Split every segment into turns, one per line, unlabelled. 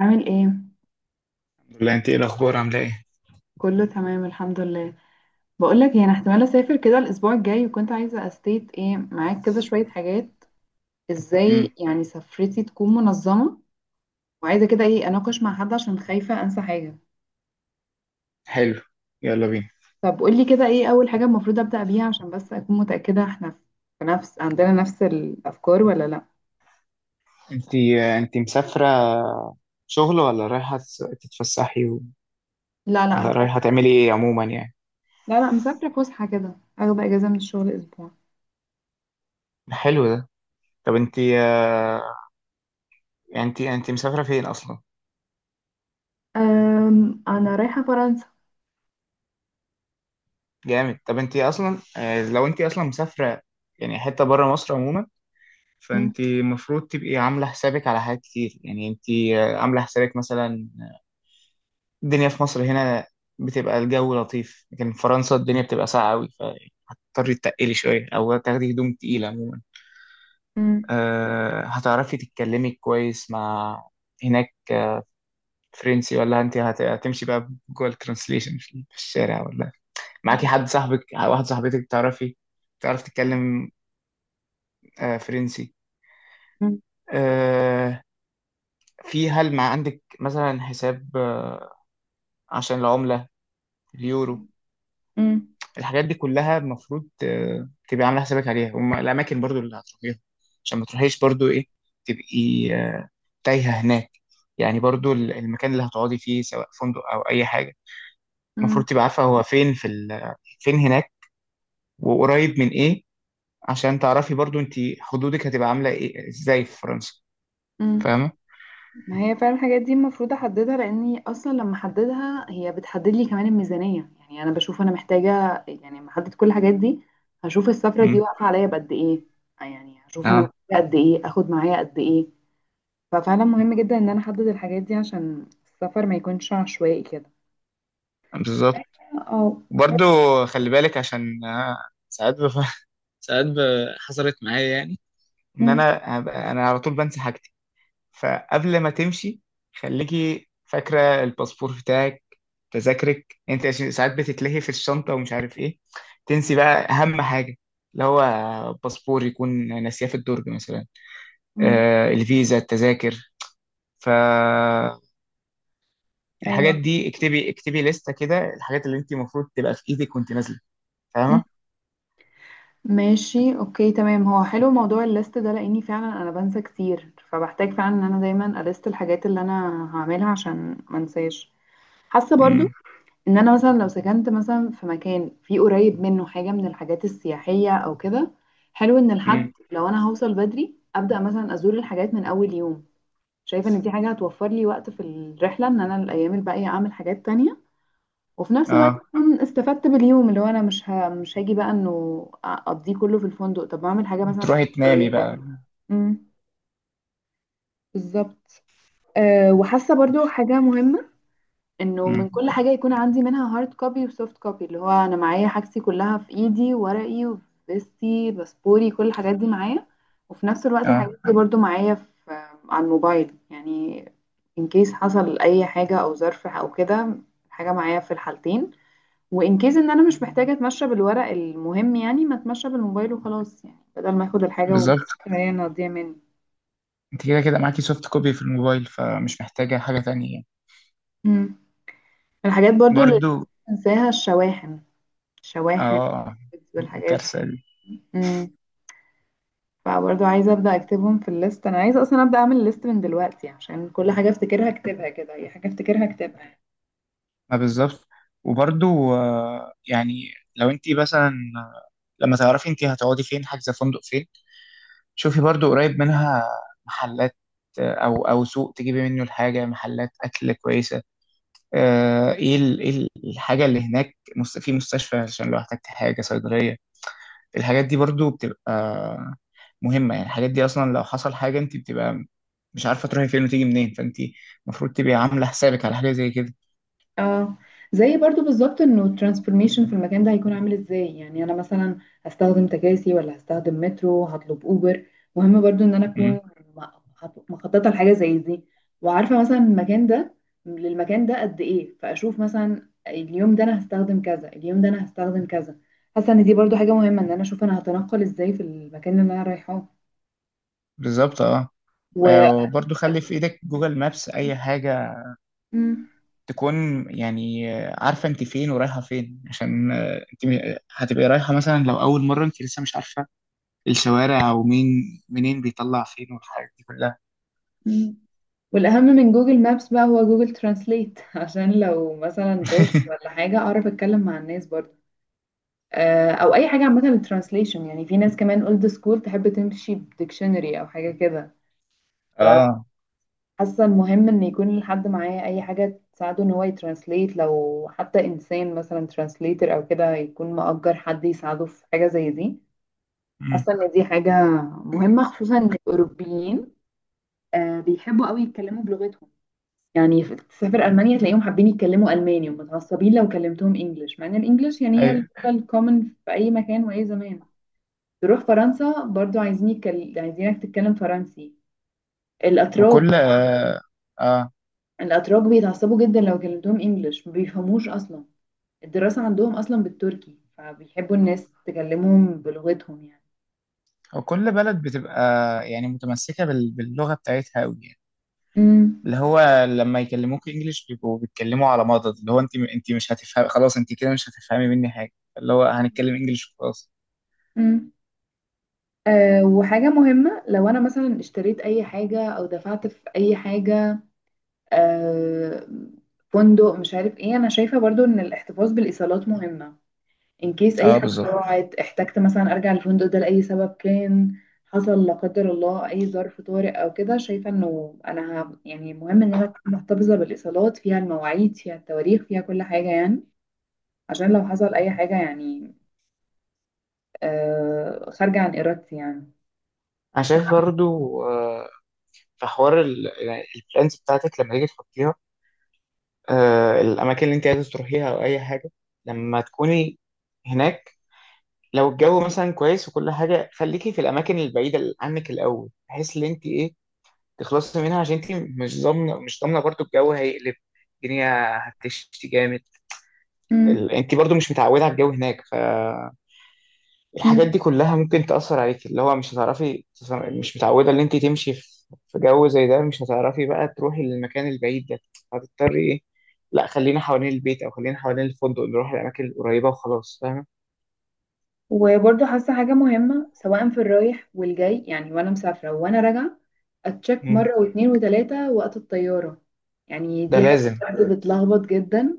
عامل ايه؟
ولا انت ايه الاخبار، عامله ايه؟
كله تمام، الحمد لله. بقول لك يعني احتمال اسافر كده الاسبوع الجاي، وكنت عايزه استيت ايه معاك كده شويه حاجات. ازاي
امم.
يعني سفرتي تكون منظمه، وعايزه كده ايه اناقش مع حد عشان خايفه انسى حاجه.
حلو. يلا بينا.
طب قول لي كده ايه اول حاجه المفروض ابدا بيها عشان بس اكون متاكده احنا في نفس عندنا نفس الافكار ولا لا؟
انت انت مسافره شغل ولا رايحه تتفسحي
لا، لا،
ولا
هتفكر.
رايحه تعملي ايه عموما يعني؟
لا، لا، مسافره فسحه كده، اخد اجازه من الشغل اسبوع.
حلو ده. طب انت، يعني انت مسافره فين اصلا؟
أنا رايحة فرنسا.
جامد. طب انت اصلا، لو انت اصلا مسافره يعني حته بره مصر عموما،
مم.
فانت المفروض تبقي عامله حسابك على حاجات كتير، يعني انت عامله حسابك مثلا. الدنيا في مصر هنا بتبقى الجو لطيف، لكن في فرنسا الدنيا بتبقى ساقعه قوي. تضطري تتقلي شوية أو تاخدي هدوم تقيلة عموما.
مم.
هتعرفي تتكلمي كويس مع هناك فرنسي، ولا أنت هتمشي بقى جوه الترانسليشن في الشارع، ولا معاكي حد صاحبك واحد صاحبتك تعرفي تعرف تتكلم فرنسي؟
مم.
أه في، هل مع عندك مثلا حساب عشان العملة، اليورو؟ الحاجات دي كلها المفروض تبقي عاملة حسابك عليها، والأماكن برضو اللي هتروحيها، عشان ما تروحيش برضو إيه، تبقي تايهة هناك. يعني برضو المكان اللي هتقعدي فيه سواء فندق أو أي حاجة،
مم.
المفروض تبقى عارفة هو فين، فين هناك وقريب من إيه، عشان تعرفي برضو أنت حدودك هتبقى عاملة إيه إزاي في فرنسا.
مم.
فاهمة؟
ما هي فعلا الحاجات دي المفروض احددها، لاني اصلا لما احددها هي بتحدد لي كمان الميزانيه. يعني انا بشوف انا محتاجه، يعني لما احدد كل الحاجات دي هشوف السفره دي
مم.
واقفه عليا بقد ايه. يعني هشوف انا
أه،
محتاجه قد ايه، اخد معايا قد ايه. ففعلا مهم جدا ان انا احدد الحاجات دي عشان السفر ما يكونش عشوائي كده.
بالظبط.
اه.
برضو خلي بالك، عشان ساعات ساعات حصلت معايا يعني، إن
أمم،
أنا أنا على طول بنسى حاجة. فقبل ما تمشي، خليكي فاكرة الباسبور بتاعك، تذاكرك انت، عشان ساعات بتتلهي في الشنطة ومش عارف ايه، تنسي بقى اهم حاجة اللي هو باسبور، يكون ناسياه في الدرج مثلا.
أمم،
الفيزا، التذاكر، فالحاجات
ايوه،
دي اكتبي اكتبي لستة كده الحاجات اللي انت المفروض تبقى في ايدك وانت نازلة.
أمم.
فاهمة؟
ماشي، اوكي، تمام. هو حلو موضوع الليست ده، لاني فعلا انا بنسى كتير، فبحتاج فعلا ان انا دايما اليست الحاجات اللي انا هعملها عشان ما انساش. حاسه برضو
امم.
ان انا مثلا لو سكنت مثلا في مكان فيه قريب منه حاجه من الحاجات السياحيه او كده، حلو ان الحد
امم.
لو انا هوصل بدري ابدا مثلا ازور الحاجات من اول يوم. شايفه ان دي حاجه هتوفر لي وقت في الرحله، ان انا الايام الباقيه اعمل حاجات تانية، وفي نفس الوقت
اه،
اكون استفدت باليوم، اللي هو انا مش هاجي بقى انه اقضيه كله في الفندق. طب ما اعمل حاجه مثلا في
تروحي
حته
تنامي بقى.
قريبه. امم. بالظبط. أه، وحاسه برضو حاجه مهمه، انه من
امم.
كل حاجة يكون عندي منها هارد كوبي وسوفت كوبي، اللي هو انا معايا حاجتي كلها في ايدي، ورقي وفيستي باسبوري كل الحاجات دي معايا، وفي نفس الوقت
اه،
الحاجات دي برضو معايا في على الموبايل يعني. ان كيس حصل اي حاجة او ظرف او كده، الحاجة معايا في الحالتين، وان كيس ان انا مش محتاجة اتمشى بالورق، المهم يعني ما اتمشى بالموبايل وخلاص، يعني بدل ما اخد الحاجة
بالظبط.
وهي إنها تضيع مني.
انت كده كده معاكي سوفت كوبي في الموبايل، فمش محتاجة حاجة تانية يعني.
مم. الحاجات برضو اللي الناس
برضو.
بتنساها، الشواحن. الشواحن
اه.
والحاجات
الكارثة دي.
دي. فبرضه عايزة أبدأ أكتبهم في الليست. أنا عايزة أصلا أبدأ أعمل ليست من دلوقتي، عشان كل حاجة أفتكرها أكتبها كده، أي حاجة أفتكرها أكتبها.
ما بالظبط. وبرضو يعني لو انت مثلا لما تعرفي انت هتقعدي فين حاجزة فندق فين، شوفي برضو قريب منها محلات، او سوق تجيبي منه الحاجة، محلات اكل كويسة، الحاجة اللي هناك في مستشفى، عشان لو احتجتي حاجة صيدلية. الحاجات دي برضو بتبقى مهمة يعني، الحاجات دي اصلا لو حصل حاجة انت بتبقى مش عارفة تروحي فين وتيجي منين، فانت المفروض تبقي عاملة حسابك على حاجة زي كده.
اه. زي برضو بالظبط انه الترانسفورميشن في المكان ده هيكون عامل ازاي، يعني انا مثلا هستخدم تكاسي ولا هستخدم مترو، هطلب اوبر. مهم برضو ان انا اكون م- مخططه لحاجه زي دي، وعارفه مثلا المكان ده للمكان ده قد ايه، فاشوف مثلا اليوم ده انا هستخدم كذا، اليوم ده انا هستخدم كذا. حاسه ان دي برضو حاجه مهمه، ان انا اشوف انا هتنقل ازاي في المكان اللي انا رايحاه.
بالظبط، اه.
و
وبرضه خلي في ايدك جوجل مابس اي حاجة،
مم.
تكون يعني عارفة انت فين ورايحة فين، عشان انت هتبقي رايحة، مثلا لو اول مرة انت لسه مش عارفة الشوارع ومين منين بيطلع فين والحاجات دي كلها.
مم. والأهم من جوجل مابس بقى هو جوجل ترانسليت عشان لو مثلا دوت ولا حاجة أعرف أتكلم مع الناس برضه. أو أي حاجة عامة للترانسليشن، يعني في ناس كمان أولد سكول تحب تمشي بديكشنري أو حاجة كده.
اه.
فحاسة المهم إن يكون الحد معاه أي حاجة تساعده إن هو يترانسليت، لو حتى إنسان مثلا ترانسليتر أو كده، يكون مأجر حد يساعده في حاجة زي دي.
مم.
حاسة إن دي حاجة مهمة، خصوصا إن الأوروبيين بيحبوا قوي يتكلموا بلغتهم. يعني تسافر
مم.
ألمانيا تلاقيهم حابين يتكلموا ألماني، ومتعصبين لو كلمتهم إنجلش، مع إن الإنجلش يعني هي
ايوه.
اللغة الكومن في أي مكان وأي زمان. تروح فرنسا برضو عايزينك تتكلم فرنسي.
ما
الأتراك
كل، اه. آه.
الأتراك بيتعصبوا جدا لو كلمتهم إنجلش، ما بيفهموش أصلا. الدراسة عندهم أصلا بالتركي، فبيحبوا الناس تكلمهم بلغتهم يعني.
وكل بلد بتبقى يعني متمسكة باللغة بتاعتها قوي.
امم.
اللي هو لما يكلموك انجليش بيبقوا بيتكلموا على مضض، اللي هو انت مش هتفهم خلاص، انت كده مش هتفهمي مني حاجه. اللي هو هنتكلم انجليش وخلاص.
امم. أه، وحاجة مهمة لو أنا مثلا اشتريت أي حاجة أو دفعت في أي حاجة، آه، فندق مش عارف ايه، انا شايفة برضو ان الاحتفاظ بالايصالات مهمة. ان كيس اي
اه،
حاجة
بالظبط.
ضاعت، احتجت مثلا ارجع الفندق ده لأي سبب كان، حصل لا قدر الله اي ظرف طارئ او كده، شايفة انه انا يعني مهم ان انا أكون محتفظة بالايصالات فيها المواعيد فيها التواريخ فيها كل حاجة يعني، عشان لو حصل اي حاجة يعني خارجة عن ارادتي يعني.
انا شايف برضو آه، في حوار يعني البلانز بتاعتك لما تيجي تحطيها، الاماكن اللي انت عايز تروحيها او اي حاجه لما تكوني هناك. لو الجو مثلا كويس وكل حاجه، خليكي في الاماكن البعيده عنك الاول، بحيث ان انت ايه، تخلصي منها، عشان انت مش ضامنه مش ضامنه برضو الجو هيقلب، الدنيا هتشتي جامد، انت برضو مش متعوده على الجو هناك، فالحاجات
مم.
دي كلها ممكن تاثر عليك، اللي هو مش هتعرفي مش متعوده ان انت تمشي في جو زي ده، مش هتعرفي بقى تروحي للمكان البعيد ده، هتضطري ايه، لا خلينا حوالين البيت او خلينا حوالين الفندق، نروح الاماكن القريبه وخلاص. فاهمه؟
وبرضه حاسة حاجة مهمة سواء في الرايح والجاي، يعني وأنا مسافرة وأنا راجعة، أتشك
مم.
مرة واتنين وتلاتة وقت الطيارة. يعني
ده
دي حاجة
لازم.
بجد بتلخبط جدا.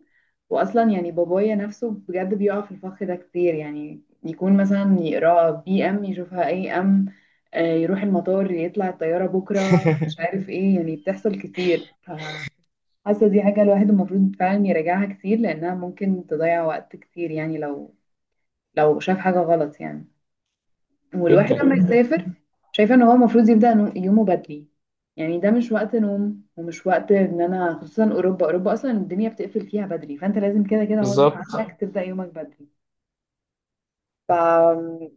وأصلا يعني بابايا نفسه بجد بيقع في الفخ ده كتير، يعني يكون مثلا يقرأ بي أم يشوفها أي أم، يروح المطار يطلع الطيارة بكرة مش عارف إيه، يعني بتحصل كتير. فحاسة دي حاجة الواحد المفروض فعلا يراجعها كتير، لأنها ممكن تضيع وقت كتير، يعني لو شاف حاجة غلط يعني. والواحد
جدا.
لما يسافر، شايفه ان هو المفروض يبدا يومه بدري. يعني ده مش وقت نوم ومش وقت، ان انا خصوصا اوروبا اصلا الدنيا بتقفل فيها بدري، فانت لازم كده كده غصب
بالظبط.
عنك تبدا يومك بدري. أم،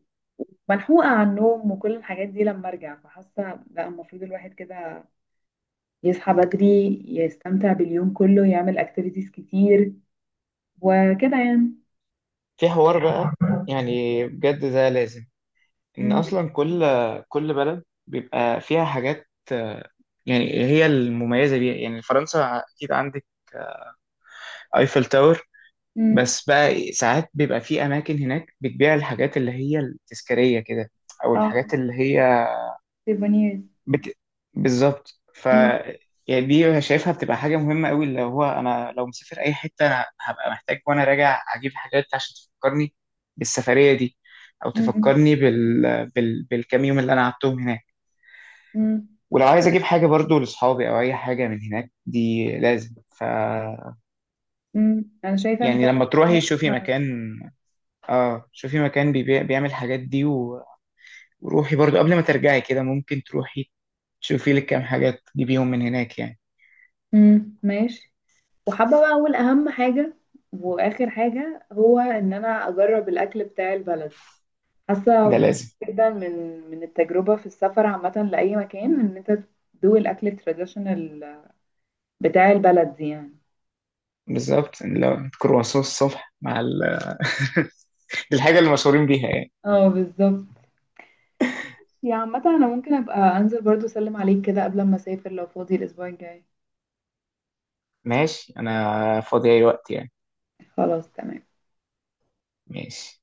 ملحوقه عن النوم وكل الحاجات دي لما ارجع. فحاسه لا المفروض الواحد كده يصحى بدري، يستمتع باليوم كله، يعمل اكتيفيتيز كتير، وكده يعني.
في حوار بقى يعني بجد ده لازم، ان
امم.
اصلا كل بلد بيبقى فيها حاجات يعني هي المميزه بيها، يعني فرنسا اكيد عندك ايفل تاور.
امم.
بس بقى إيه، ساعات بيبقى في اماكن هناك بتبيع الحاجات اللي هي التذكاريه كده، او
اه،
الحاجات اللي هي
سيفونيرز.
بت... بالظبط. ف
امم.
يعني دي شايفها بتبقى حاجه مهمه قوي، اللي هو انا لو مسافر اي حته أنا هبقى محتاج وانا راجع اجيب حاجات عشان تفكرني بالسفريه دي، او
امم.
تفكرني بالكام يوم اللي انا قعدتهم هناك.
امم.
ولو عايز اجيب حاجه برضو لاصحابي او اي حاجه من هناك، دي لازم. ف
امم، انا شايفه ان
يعني لما
فعلا.
تروحي شوفي مكان، اه شوفي مكان بيبيع بيعمل الحاجات دي وروحي برضو قبل ما ترجعي كده، ممكن تروحي تشوفي لك كام حاجة تجيبيهم من هناك يعني.
امم، ماشي. وحابة بقى أقول أهم حاجة وآخر حاجة، هو إن أنا أجرب الأكل بتاع البلد. حاسة
ده
مهم
لازم.
جدا من التجربة في السفر عامة لأي مكان، إن أنت تدوق الأكل التراديشنال بتاع البلد دي يعني.
بالظبط. لو كرواسون الصبح مع دي الحاجة اللي مشهورين بيها يعني.
اه، بالظبط. يا عامة أنا ممكن أبقى أنزل برضو أسلم عليك كده قبل ما أسافر لو فاضي الأسبوع الجاي.
ماشي، أنا فاضي أي وقت يعني.
خلاص تمام.
ماشي.